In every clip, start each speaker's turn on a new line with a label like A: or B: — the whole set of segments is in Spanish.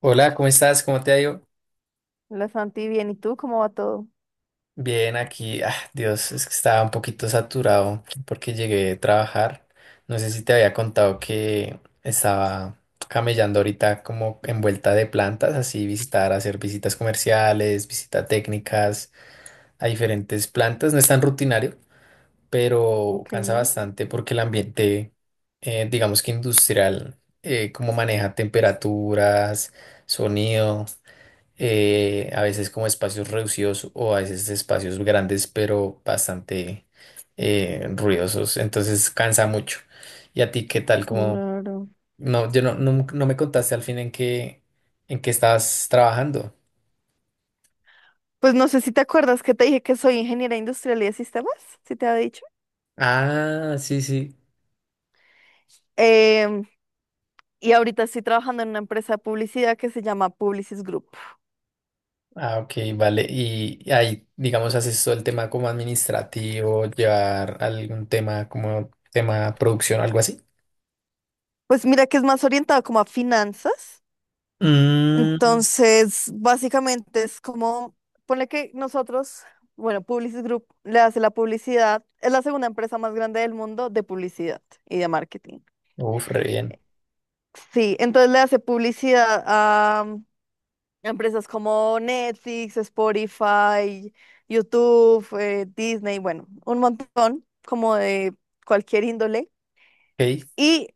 A: Hola, ¿cómo estás? ¿Cómo te ha ido?
B: La Santi, bien. ¿Y tú cómo va todo?
A: Bien, aquí. Ah, Dios, es que estaba un poquito saturado porque llegué a trabajar. No sé si te había contado que estaba camellando ahorita como en vuelta de plantas, así visitar, hacer visitas comerciales, visitas técnicas a diferentes plantas. No es tan rutinario, pero
B: Ok,
A: cansa bastante porque el ambiente, digamos que industrial, como maneja temperaturas, sonido. A veces como espacios reducidos o a veces espacios grandes, pero bastante ruidosos, entonces cansa mucho. ¿Y a ti qué tal? Como,
B: claro.
A: no, yo no, me contaste al fin en qué estabas trabajando.
B: Pues no sé si te acuerdas que te dije que soy ingeniera industrial y de sistemas, si te había dicho.
A: Ah, sí, sí.
B: Em, y ahorita estoy trabajando en una empresa de publicidad que se llama Publicis Group.
A: Ah, ok, vale. Y ahí, digamos, haces todo el tema como administrativo, llevar algún tema como tema producción, algo así.
B: Pues mira que es más orientada como a finanzas.
A: Mm,
B: Entonces, básicamente es como, ponle que nosotros, bueno, Publicis Group le hace la publicidad, es la segunda empresa más grande del mundo de publicidad y de marketing.
A: uf, re bien.
B: Sí, entonces le hace publicidad a empresas como Netflix, Spotify, YouTube, Disney, bueno, un montón como de cualquier índole.
A: Ok,
B: Y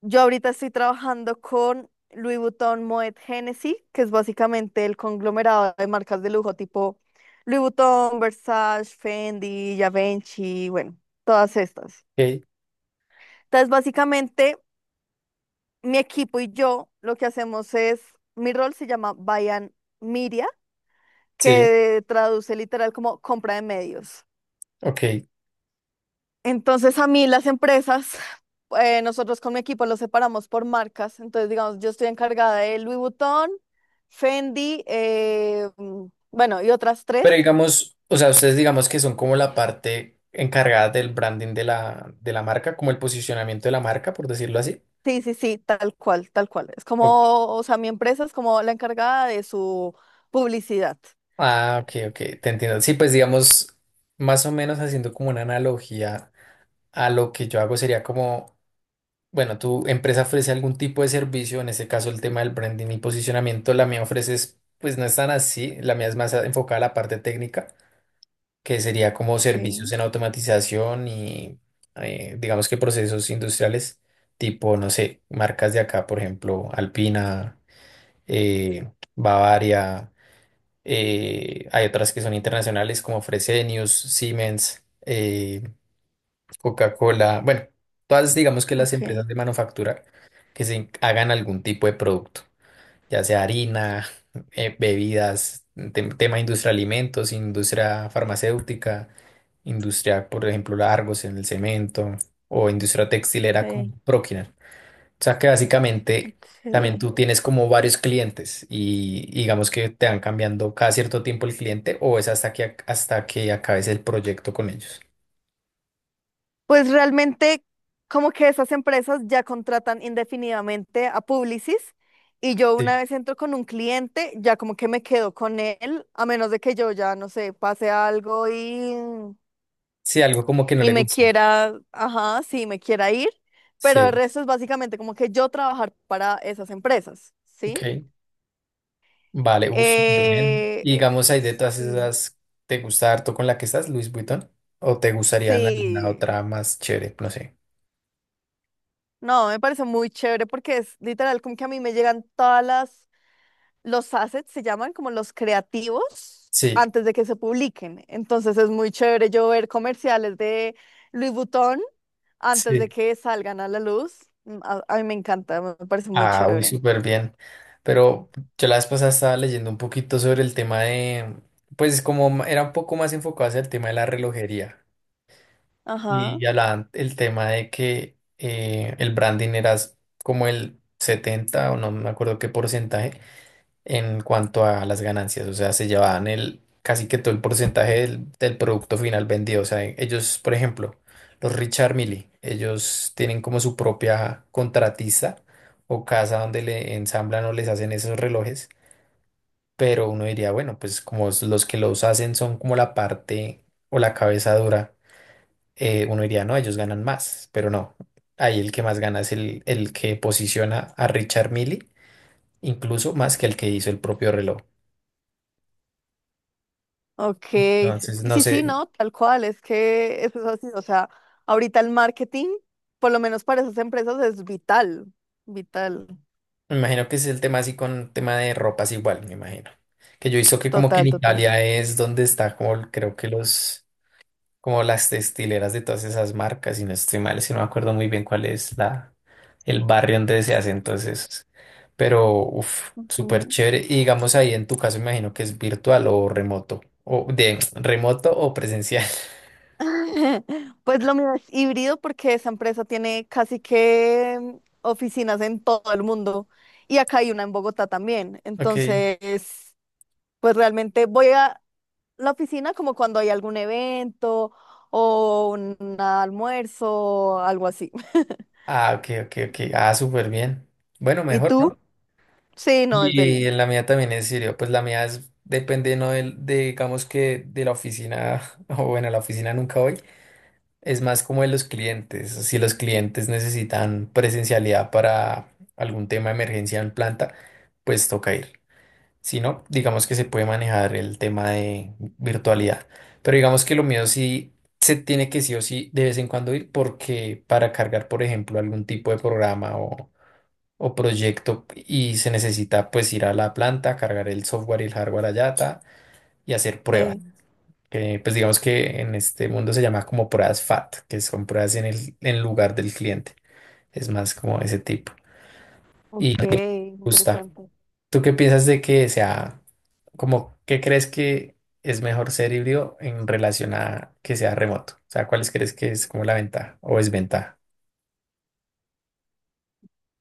B: yo ahorita estoy trabajando con Louis Vuitton Moet Hennessy, que es básicamente el conglomerado de marcas de lujo tipo Louis Vuitton, Versace, Fendi, Givenchy, bueno, todas estas.
A: ok,
B: Entonces, básicamente, mi equipo y yo lo que hacemos es, mi rol se llama Buy and Media,
A: sí,
B: que traduce literal como compra de medios.
A: ok.
B: Entonces a mí las empresas, nosotros con mi equipo los separamos por marcas. Entonces, digamos, yo estoy encargada de Louis Vuitton, Fendi, bueno, y otras
A: Pero
B: tres.
A: digamos, o sea, ustedes digamos que son como la parte encargada del branding de la marca, como el posicionamiento de la marca, por decirlo así.
B: Sí, sí, sí, tal cual, tal cual. Es
A: O-
B: como, o sea, mi empresa es como la encargada de su publicidad.
A: ah, ok, ok, te entiendo. Sí, pues digamos, más o menos haciendo como una analogía a lo que yo hago sería como, bueno, tu empresa ofrece algún tipo de servicio, en este caso el tema del branding y posicionamiento, la mía ofrece, pues no es tan así, la mía es más enfocada a la parte técnica. Que sería como
B: Ok,
A: servicios en automatización y digamos que procesos industriales tipo, no sé, marcas de acá, por ejemplo, Alpina, eh, Bavaria, hay otras que son internacionales como Fresenius, Siemens, Coca-Cola, bueno, todas digamos que las empresas
B: ok,
A: de manufactura que se hagan algún tipo de producto ya sea harina, bebidas, tema industria de alimentos, industria farmacéutica, industria, por ejemplo, Argos en el cemento o industria textilera
B: ok,
A: con Prokinar. O sea que básicamente también
B: ok.
A: tú tienes como varios clientes y digamos que te van cambiando cada cierto tiempo el cliente o es hasta que, hasta que acabes el proyecto con ellos.
B: Pues realmente como que esas empresas ya contratan indefinidamente a Publicis y yo
A: Sí,
B: una vez entro con un cliente, ya como que me quedo con él, a menos de que yo ya, no sé, pase algo y,
A: sí, algo como que no
B: y
A: le
B: me
A: guste.
B: quiera, ajá, sí, me quiera ir, pero el
A: Sí,
B: resto es básicamente como que yo trabajar para esas empresas, ¿sí?
A: ok. Vale, uff, súper bien.
B: Eh,
A: Y digamos ahí de todas
B: sí.
A: esas, ¿te gusta harto con la que estás, Luis Vuitton? ¿O te gustaría en alguna
B: Sí.
A: otra más chévere? No sé.
B: No, me parece muy chévere porque es literal como que a mí me llegan todas las los assets, se llaman como los creativos
A: Sí,
B: antes de que se publiquen. Entonces es muy chévere yo ver comerciales de Louis Vuitton antes de
A: sí.
B: que salgan a la luz. A mí me encanta, me parece muy
A: Ah, uy,
B: chévere.
A: súper bien. Pero yo la vez pasada estaba leyendo un poquito sobre el tema de, pues como era un poco más enfocado hacia el tema de la relojería
B: Ajá,
A: y hablaban el tema de que el branding era como el 70 o no me acuerdo qué porcentaje en cuanto a las ganancias, o sea, se llevaban el casi que todo el porcentaje del, producto final vendido, o sea, ellos, por ejemplo, los Richard Mille, ellos tienen como su propia contratista o casa donde le ensamblan o les hacen esos relojes, pero uno diría, bueno, pues como los que los hacen son como la parte o la cabeza dura, uno diría, no, ellos ganan más, pero no. Ahí el que más gana es el que posiciona a Richard Mille, incluso más que el que hizo el propio reloj.
B: ok.
A: Entonces, no
B: Sí, sí,
A: sé,
B: no, tal cual, es que eso es así. O sea, ahorita el marketing, por lo menos para esas empresas, es vital, vital,
A: me imagino que es el tema así con tema de ropas igual, me imagino. Que yo hizo que como que en
B: total, total.
A: Italia es donde está como creo que los, como las textileras de todas esas marcas, y no estoy mal, si no me acuerdo muy bien cuál es la, el barrio donde se hace entonces. Pero, uff, súper
B: Ujú.
A: chévere. Y digamos ahí en tu caso, me imagino que es virtual o remoto, o de remoto o presencial.
B: Pues lo mío es híbrido porque esa empresa tiene casi que oficinas en todo el mundo y acá hay una en Bogotá también.
A: Ok.
B: Entonces, pues realmente voy a la oficina como cuando hay algún evento o un almuerzo, algo así.
A: Ah, ok, ok, ok. Ah, súper bien. Bueno,
B: ¿Y
A: mejor, ¿no?
B: tú? Sí, no, es
A: Y
B: Delhi.
A: en la mía también es serio, pues la mía es, depende no de, digamos que de la oficina, o bueno, a la oficina nunca voy, es más como de los clientes, si los clientes necesitan presencialidad para algún tema de emergencia en planta, pues toca ir. Si no, digamos que se puede manejar el tema de virtualidad, pero digamos que lo mío sí se tiene que sí o sí de vez en cuando ir porque para cargar, por ejemplo, algún tipo de programa o proyecto y se necesita pues ir a la planta, cargar el software y el hardware allá ta, y hacer pruebas.
B: Sí.
A: Que pues digamos que en este mundo se llama como pruebas FAT, que son pruebas en el en lugar del cliente. Es más como ese tipo. Y
B: Ok,
A: me gusta.
B: interesante.
A: ¿Tú qué piensas de que sea como qué crees que es mejor ser híbrido en relación a que sea remoto? O sea, ¿cuáles crees que es como la ventaja o desventaja?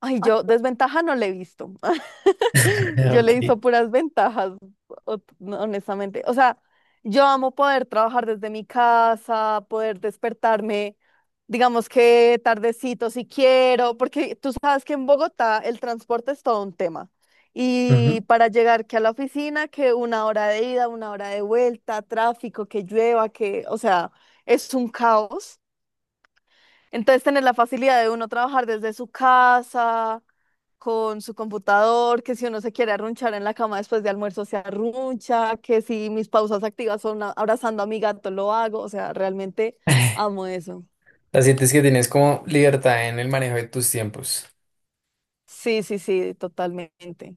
B: Ay, yo desventaja no le he visto. Yo
A: Ok.
B: le hizo puras ventajas, no, honestamente. O sea, yo amo poder trabajar desde mi casa, poder despertarme, digamos que tardecito si quiero, porque tú sabes que en Bogotá el transporte es todo un tema. Y
A: Ujú.
B: para llegar que a la oficina, que una hora de ida, una hora de vuelta, tráfico, que llueva, que, o sea, es un caos. Entonces, tener la facilidad de uno trabajar desde su casa con su computador, que si uno se quiere arrunchar en la cama después de almuerzo se arruncha, que si mis pausas activas son abrazando a mi gato lo hago, o sea, realmente amo eso.
A: O sea, sientes que tienes como libertad en el manejo de tus tiempos.
B: Sí, sí, sí, totalmente,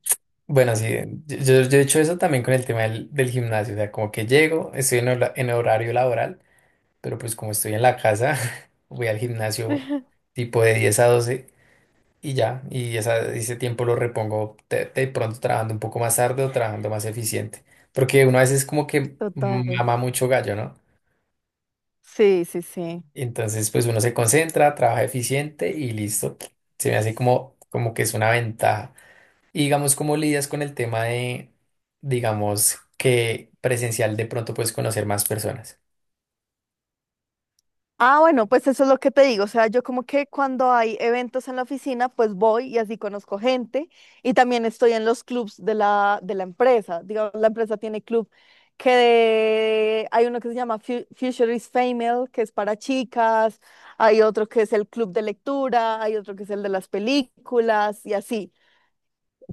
A: Bueno, sí, yo he hecho eso también con el tema del, gimnasio, o sea, como que llego, estoy en horario laboral, pero pues como estoy en la casa, voy al gimnasio tipo de 10 a 12 y ya, y ese tiempo lo repongo de pronto trabajando un poco más tarde o trabajando más eficiente, porque uno a veces como que
B: total.
A: mama mucho gallo, ¿no?
B: Sí, sí, sí.
A: Entonces pues uno se concentra, trabaja eficiente y listo, se me hace como que es una ventaja. Y digamos, ¿cómo lidias con el tema de, digamos, que presencial de pronto puedes conocer más personas?
B: Ah, bueno, pues eso es lo que te digo. O sea, yo como que cuando hay eventos en la oficina, pues voy y así conozco gente. Y también estoy en los clubs de la empresa. Digamos, la empresa tiene club que hay uno que se llama Futurist Female, que es para chicas. Hay otro que es el club de lectura. Hay otro que es el de las películas y así.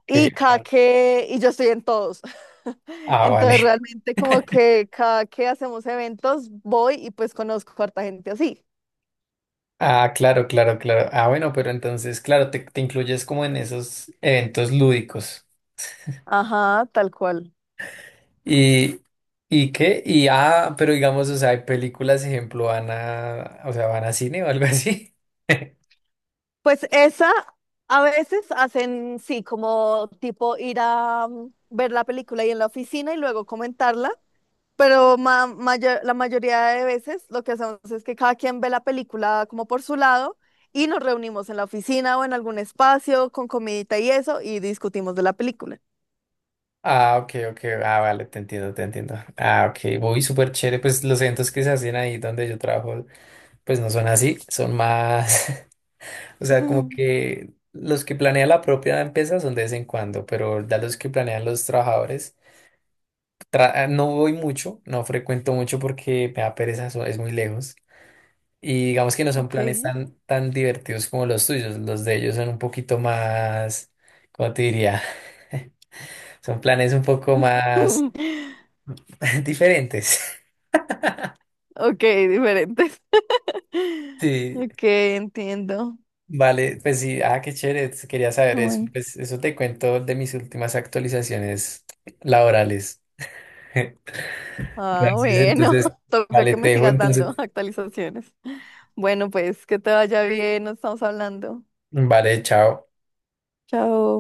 B: Y cada
A: Ah,
B: que, y yo estoy en todos.
A: ah, vale.
B: Entonces realmente como que cada que hacemos eventos voy y pues conozco a harta gente así.
A: Ah, claro, claro, claro. Ah, bueno, pero entonces, claro, te incluyes como en esos eventos lúdicos.
B: Ajá, tal cual.
A: ¿Y, y qué? Y ah, pero digamos, o sea, hay películas, ejemplo, van a, o sea, van a cine o algo así.
B: Pues esa a veces hacen, sí, como tipo ir a ver la película ahí en la oficina y luego comentarla, pero la mayoría de veces lo que hacemos es que cada quien ve la película como por su lado y nos reunimos en la oficina o en algún espacio con comidita y eso y discutimos de la película.
A: Ah, ok, ok. Ah, vale, te entiendo, te entiendo. Ah, ok. Voy súper chévere. Pues los eventos que se hacen ahí donde yo trabajo, pues no son así, son más. O sea, como
B: Ujú,
A: que los que planean la propia empresa son de vez en cuando, pero ya los que planean los trabajadores, no voy mucho, no frecuento mucho porque me da pereza, es muy lejos. Y digamos que no son
B: ok.
A: planes tan divertidos como los tuyos, los de ellos son un poquito más, ¿cómo te diría? Son planes un poco más diferentes.
B: Ok, diferentes.
A: Sí,
B: Ok, entiendo.
A: vale, pues sí, ah, qué chévere, quería saber eso.
B: Bueno.
A: Pues eso te cuento de mis últimas actualizaciones laborales.
B: Ah,
A: Francis,
B: bueno,
A: entonces,
B: toca
A: vale,
B: que
A: te
B: me
A: dejo,
B: sigas dando
A: entonces,
B: actualizaciones. Bueno, pues que te vaya bien, nos estamos hablando.
A: vale, chao.
B: Chao.